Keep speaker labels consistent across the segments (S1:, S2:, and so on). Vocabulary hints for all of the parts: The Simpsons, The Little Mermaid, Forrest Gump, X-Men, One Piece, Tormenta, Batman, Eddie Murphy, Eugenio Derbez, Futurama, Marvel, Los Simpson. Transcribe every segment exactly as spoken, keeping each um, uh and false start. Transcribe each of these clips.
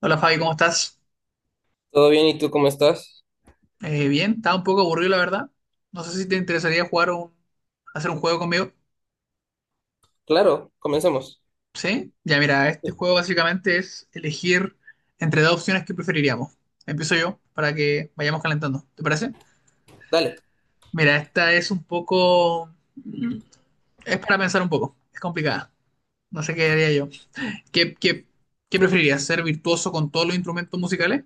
S1: Hola Fabi, ¿cómo estás?
S2: ¿Todo bien? ¿Y tú cómo estás?
S1: Eh, bien, estaba un poco aburrido la verdad. No sé si te interesaría jugar un, hacer un juego conmigo.
S2: Claro, comencemos.
S1: ¿Sí? Ya mira, este
S2: Sí.
S1: juego básicamente es elegir entre dos opciones que preferiríamos. Empiezo yo para que vayamos calentando, ¿te parece?
S2: Dale.
S1: Mira, esta es un poco... Es para pensar un poco, es complicada. No sé qué haría yo. ¿Qué, qué, qué preferirías? ¿Ser virtuoso con todos los instrumentos musicales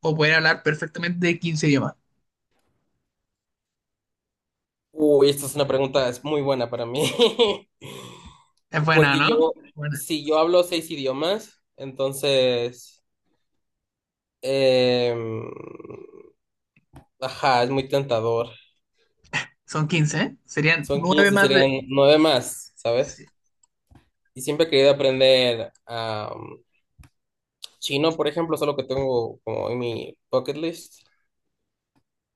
S1: o poder hablar perfectamente de quince idiomas?
S2: Uy, esta es una pregunta es muy buena para mí.
S1: Es buena,
S2: Porque
S1: ¿no?
S2: yo,
S1: Buena.
S2: si yo hablo seis idiomas, entonces, em, ajá, es muy tentador.
S1: Son quince, ¿eh? Serían
S2: Son
S1: nueve
S2: quince
S1: más, de
S2: serían nueve más, ¿sabes?
S1: sí.
S2: Y siempre he querido aprender am, chino, por ejemplo, solo que tengo como en mi bucket list.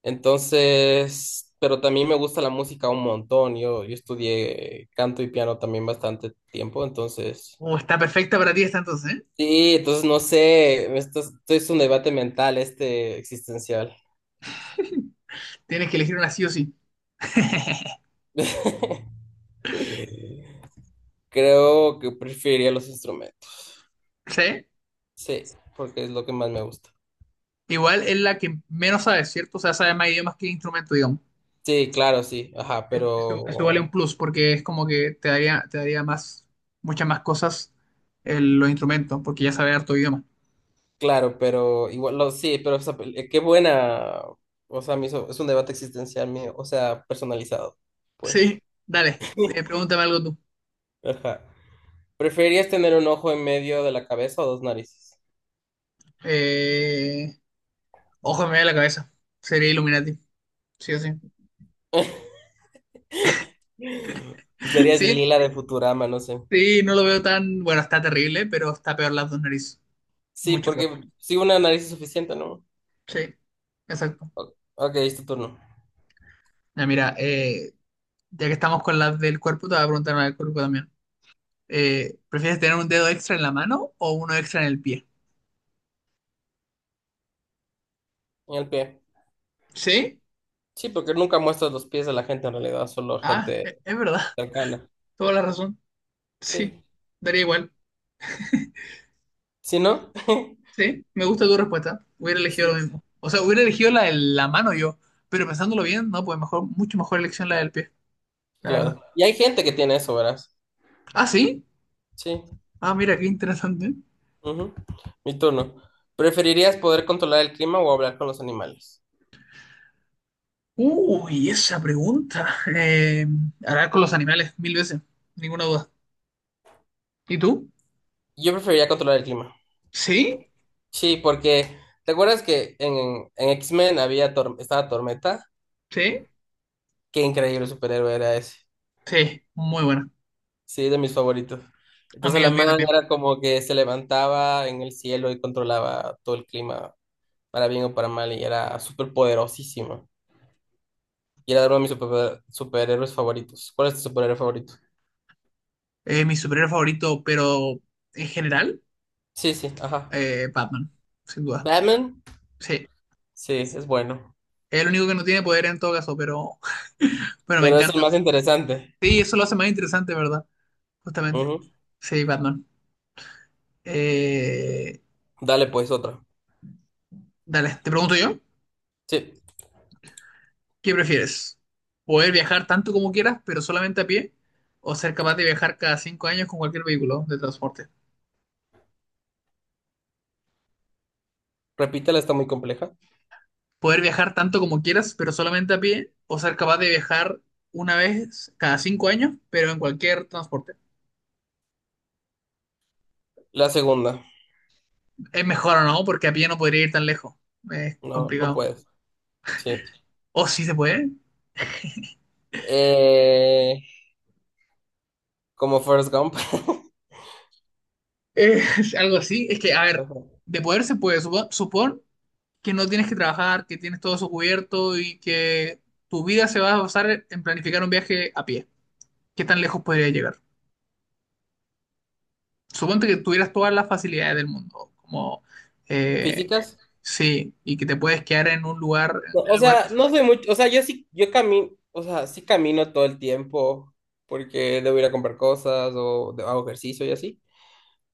S2: Entonces, pero también me gusta la música un montón. Yo, yo estudié canto y piano también bastante tiempo, entonces.
S1: Oh, está perfecta para ti esta entonces, ¿eh?
S2: Sí, entonces no sé, esto es, esto es un debate mental, este existencial.
S1: Tienes que elegir una sí o sí.
S2: Creo que preferiría los instrumentos.
S1: ¿Sí?
S2: Sí, porque es lo que más me gusta.
S1: Igual es la que menos sabes, ¿cierto? O sea, sabes más idiomas que instrumento, digamos.
S2: Sí, claro, sí, ajá,
S1: Eso, eso vale
S2: pero
S1: un plus porque es como que te daría, te daría más, muchas más cosas el- los instrumentos, porque ya sabes harto idioma.
S2: claro, pero igual, lo, sí, pero o sea, eh, qué buena, o sea, me hizo- es un debate existencial mío, o sea, personalizado, pues.
S1: Sí, dale, eh, pregúntame algo tú.
S2: Ajá. ¿Preferirías tener un ojo en medio de la cabeza o dos narices?
S1: Eh, Ojo, me da la cabeza. Sería Illuminati, sí o sí.
S2: Serías
S1: Sí,
S2: Lila de Futurama, no sé.
S1: sí, no lo veo tan. Bueno, está terrible, pero está peor las dos narices.
S2: Sí,
S1: Mucho peor.
S2: porque si una nariz es suficiente, ¿no?
S1: Sí, exacto.
S2: O- Ok, es tu turno.
S1: Ya, mira, eh, ya que estamos con las del cuerpo, te voy a preguntar una del cuerpo también. Eh, ¿prefieres tener un dedo extra en la mano o uno extra en el pie?
S2: Y el pie.
S1: Sí.
S2: Sí, porque nunca muestras los pies de la gente en realidad, solo
S1: Ah,
S2: gente
S1: e- es verdad.
S2: cercana.
S1: Toda la razón. Sí.
S2: Sí.
S1: Daría igual.
S2: ¿Sí, no?
S1: Sí. Me gusta tu respuesta. Hubiera elegido lo
S2: Sí,
S1: mismo. O sea, hubiera elegido la de la mano yo. Pero pensándolo bien, no, pues mejor, mucho mejor elección la del pie. La verdad.
S2: claro. Y hay gente que tiene eso, verás.
S1: Ah, sí.
S2: Sí.
S1: Ah, mira, qué interesante.
S2: Ujú. Mi turno. ¿Preferirías poder controlar el clima o hablar con los animales?
S1: Uy, esa pregunta. Eh, Hablar con los animales mil veces. Ninguna duda. ¿Y tú?
S2: Yo preferiría controlar el clima.
S1: ¿Sí?
S2: Sí, porque ¿te acuerdas que en, en X-Men había Tor- estaba Tormenta?
S1: ¿Sí?
S2: Qué increíble superhéroe era ese.
S1: Sí, muy buena.
S2: Sí, de mis favoritos.
S1: A mí,
S2: Entonces la
S1: a mí
S2: man
S1: también.
S2: era como que se levantaba en el cielo y controlaba todo el clima, para bien o para mal, y era súper poderosísima. Y era uno de mis super- superhéroes favoritos. ¿Cuál es tu superhéroe favorito?
S1: Eh, mi superhéroe favorito, pero en general,
S2: Sí, sí, ajá.
S1: eh, Batman, sin duda.
S2: Batman,
S1: Sí,
S2: sí, es bueno.
S1: es el único que no tiene poder en todo caso, pero bueno, me
S2: Pero es el
S1: encanta.
S2: más interesante.
S1: Sí, eso lo hace más interesante, ¿verdad? Justamente.
S2: Ujú.
S1: Sí, Batman. Eh,
S2: Dale pues otra.
S1: Dale, te pregunto yo,
S2: Sí,
S1: ¿qué prefieres? ¿Poder viajar tanto como quieras, pero solamente a pie? ¿O ser capaz de viajar cada cinco años con cualquier vehículo de transporte?
S2: repítela, está muy compleja.
S1: Poder viajar tanto como quieras, pero solamente a pie, o ser capaz de viajar una vez cada cinco años, pero en cualquier transporte.
S2: La segunda.
S1: Es mejor o no, porque a pie no podría ir tan lejos. Es
S2: No, no
S1: complicado.
S2: puedes. Sí.
S1: O sí se puede.
S2: Eh, como Forrest Gump.
S1: Eh, algo así. Es que, a ver, de poder se puede. Supo- Supón que no tienes que trabajar, que tienes todo eso cubierto y que tu vida se va a basar en planificar un viaje a pie. ¿Qué tan lejos podría llegar? Suponte que tuvieras todas las facilidades del mundo, como eh,
S2: ¿Físicas?
S1: sí, y que te puedes quedar en un lugar,
S2: No,
S1: en el
S2: o
S1: lugar que
S2: sea, no
S1: sea.
S2: soy mucho, o sea, yo sí, yo camino, o sea, sí camino todo el tiempo porque debo ir a comprar cosas o de- hago ejercicio y así,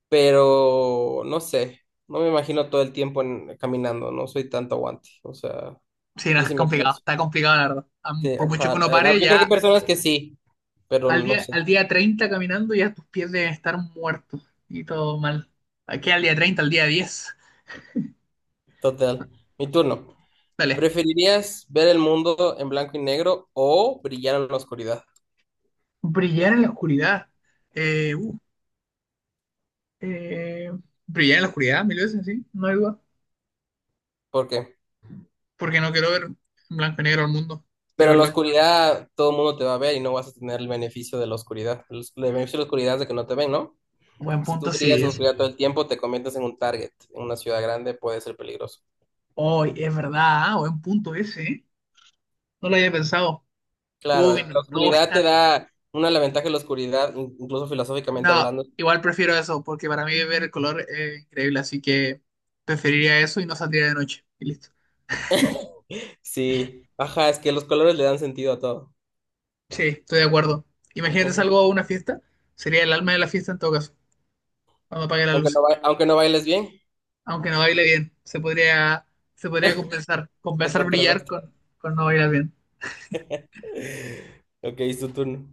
S2: pero no sé, no me imagino todo el tiempo en- caminando, no soy tanto aguante, o sea,
S1: Sí, no,
S2: yo
S1: es
S2: sí me
S1: complicado,
S2: canso.
S1: está complicado, la verdad. Am-
S2: Sí,
S1: Por mucho que
S2: ajá,
S1: uno
S2: eh, ah,
S1: pare,
S2: Yo creo que
S1: ya
S2: hay personas que sí, pero
S1: al
S2: no
S1: día,
S2: sé,
S1: al día treinta caminando, ya tus pies deben estar muertos y todo mal. Aquí al día treinta al día diez.
S2: total. Mi turno.
S1: Dale.
S2: ¿Preferirías ver el mundo en blanco y negro o brillar en la oscuridad?
S1: Brillar en la oscuridad. Eh, uh, eh, Brillar en la oscuridad, mil veces, sí, no hay duda.
S2: ¿Por qué?
S1: Porque no quiero ver en blanco y negro al mundo. Quiero
S2: Pero en la
S1: verlo.
S2: oscuridad todo el mundo te va a ver y no vas a tener el beneficio de la oscuridad. El, el beneficio de la oscuridad es de que no te ven, ¿no?
S1: Buen
S2: Si tú
S1: punto,
S2: brillas
S1: sí,
S2: en la
S1: eso.
S2: oscuridad todo el tiempo, te conviertes en un target. En una ciudad grande puede ser peligroso.
S1: Hoy, es verdad, ah, buen punto ese, ¿eh? No lo había pensado.
S2: Claro,
S1: Uy, no,
S2: la
S1: no,
S2: oscuridad
S1: está.
S2: te da una la ventaja de la oscuridad, in- incluso filosóficamente
S1: No,
S2: hablando.
S1: igual prefiero eso, porque para mí ver el color es increíble, así que preferiría eso y no saldría de noche. Y listo.
S2: Sí, ajá, es que los colores le dan sentido a todo.
S1: Sí, estoy de acuerdo. Imagínate,
S2: Ujú.
S1: salgo a una fiesta, sería el alma de la fiesta en todo caso, cuando apague las
S2: Aunque no,
S1: luces.
S2: ba- aunque no bailes bien,
S1: Aunque no baile bien, se podría, se podría compensar,
S2: te
S1: compensar brillar
S2: contrarresta.
S1: con, con no bailar bien.
S2: Ok, es tu turno.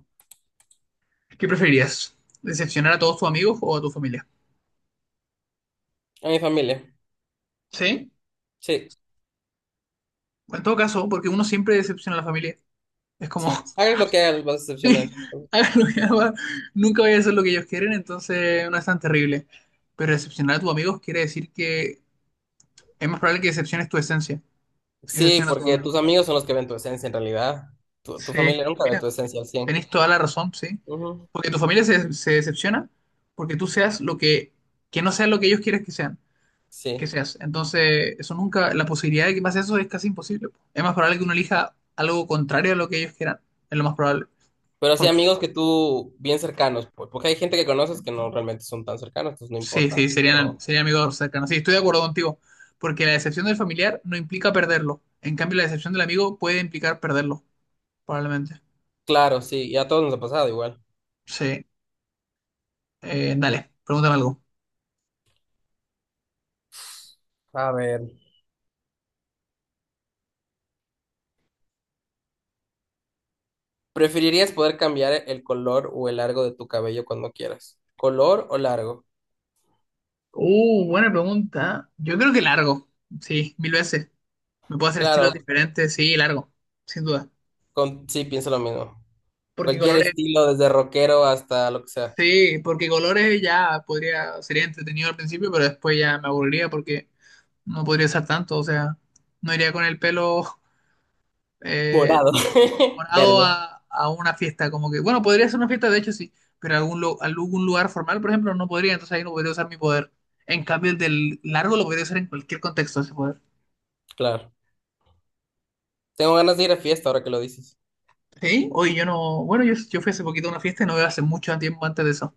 S1: ¿Qué preferirías? ¿Decepcionar a todos tus amigos o a tu familia?
S2: A mi familia.
S1: Sí,
S2: Sí,
S1: en todo caso, porque uno siempre decepciona a la familia. Es como
S2: sí, hagas lo que hagas, vas a
S1: sí,
S2: decepcionar.
S1: hagan lo que hagan, nunca voy a hacer lo que ellos quieren, entonces no es tan terrible. Pero decepcionar a tus amigos quiere decir que es más probable que decepciones tu esencia, si
S2: Sí,
S1: decepciona a tus
S2: porque
S1: amigos.
S2: tus amigos son los que ven tu esencia en realidad. Tu, tu
S1: Sí,
S2: familia nunca ve
S1: mira,
S2: tu esencia al cien.
S1: tenés toda la razón, sí.
S2: Ujú.
S1: Porque tu familia se, se decepciona porque tú seas lo que, que no seas lo que ellos quieren que sean, que
S2: Sí.
S1: seas. Entonces, eso nunca, la posibilidad de que pase eso es casi imposible, po. Es más probable que uno elija algo contrario a lo que ellos quieran, es lo más probable.
S2: Pero sí,
S1: Por,
S2: amigos que tú, bien cercanos, pues, porque hay gente que conoces que no realmente son tan cercanos, entonces no
S1: sí,
S2: importa.
S1: sí, serían,
S2: Pero
S1: serían amigos cercanos. Sí, estoy de acuerdo contigo, porque la decepción del familiar no implica perderlo. En cambio, la decepción del amigo puede implicar perderlo, probablemente.
S2: claro, sí, y a todos nos ha pasado igual.
S1: Sí. Eh, dale, pregúntame algo.
S2: A ver. ¿Preferirías poder cambiar el color o el largo de tu cabello cuando quieras? ¿Color o largo?
S1: Uh, buena pregunta. Yo creo que largo. Sí, mil veces. Me puedo hacer estilos
S2: Claro,
S1: diferentes. Sí, largo, sin duda.
S2: con, sí, pienso lo mismo.
S1: Porque
S2: Cualquier
S1: colores,
S2: estilo, desde rockero hasta lo que sea.
S1: sí, porque colores ya podría, sería entretenido al principio, pero después ya me aburriría porque no podría usar tanto. O sea, no iría con el pelo. eh,
S2: Morado.
S1: Morado
S2: Verde,
S1: a, a una fiesta, como que, bueno, podría ser una fiesta, de hecho sí, pero algún, lu- algún lugar formal, por ejemplo, no podría, entonces ahí no podría usar mi poder. En cambio, el del largo lo podría usar en cualquier contexto ese poder.
S2: claro. Tengo ganas de ir a fiesta ahora que lo dices.
S1: Sí, hoy yo no, bueno, yo, yo fui hace poquito a una fiesta y no veo hace mucho tiempo antes de eso,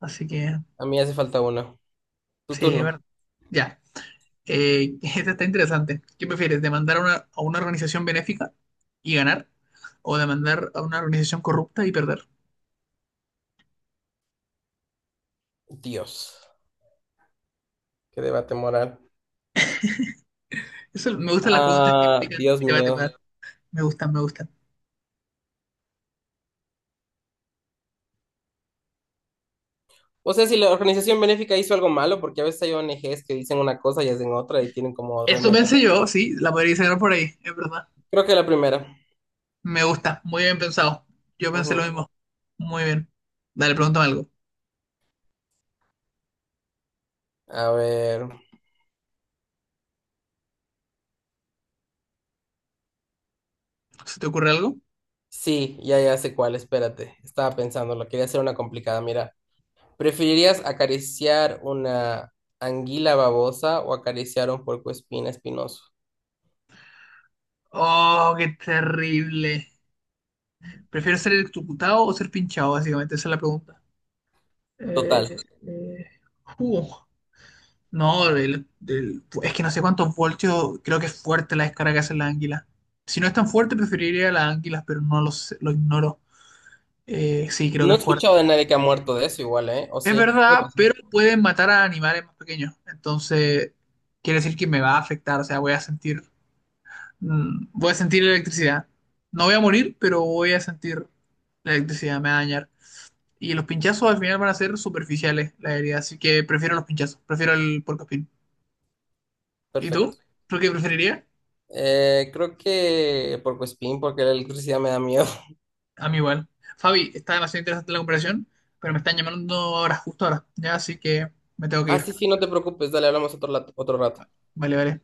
S1: así que
S2: A mí hace falta uno. Tu
S1: sí, es
S2: turno.
S1: verdad. Ya, eh, esta está interesante. ¿Qué prefieres, demandar a una, a una organización benéfica y ganar o demandar a una organización corrupta y perder?
S2: Dios. Qué debate moral.
S1: Eso, me gustan las preguntas que
S2: Ah,
S1: implican
S2: Dios
S1: debate, poder.
S2: mío.
S1: Me gustan, me gustan.
S2: O sea, si la organización benéfica hizo algo malo, porque a veces hay O N Ges que dicen una cosa y hacen otra y tienen como
S1: Eso
S2: realmente...
S1: pensé yo, sí, la podría sacar por ahí, es verdad.
S2: Creo que la primera.
S1: Me gusta, muy bien pensado. Yo pensé lo
S2: Ujú.
S1: mismo. Muy bien. Dale, pregúntame algo.
S2: A ver.
S1: ¿Se te ocurre algo?
S2: Sí, ya, ya sé cuál, espérate. Estaba pensando, lo quería hacer una complicada. Mira, ¿preferirías acariciar una anguila babosa o acariciar un puercoespín espinoso?
S1: Oh, qué terrible. ¿Prefiero ser electrocutado o ser pinchado, básicamente? Esa es la pregunta. Eh,
S2: Total.
S1: eh, uh, no, el- el- es que no sé cuántos voltios, creo que es fuerte la descarga que hacen las anguilas. Si no es tan fuerte, preferiría las anguilas, pero no lo sé, lo ignoro. Eh, sí, creo
S2: No
S1: que
S2: he
S1: es fuerte.
S2: escuchado de nadie que ha muerto de eso igual, ¿eh? ¿O
S1: Es
S2: sí? Puede
S1: verdad,
S2: pasar.
S1: pero pueden matar a animales más pequeños. Entonces, quiere decir que me va a afectar, o sea, voy a sentir, mm, voy a sentir electricidad. No voy a morir, pero voy a sentir la electricidad, me va a dañar. Y los pinchazos al final van a ser superficiales, la herida, así que prefiero los pinchazos, prefiero el porcospín. ¿Y tú?
S2: Perfecto.
S1: ¿Tú qué preferirías?
S2: Eh, creo que por Spin, porque la electricidad me da miedo.
S1: A mí igual. Fabi, está demasiado interesante la comparación, pero me están llamando ahora, justo ahora, ya, así que me tengo que
S2: Ah,
S1: ir.
S2: sí, sí, no te preocupes, dale, hablamos otro, lat- otro rato.
S1: Vale, vale.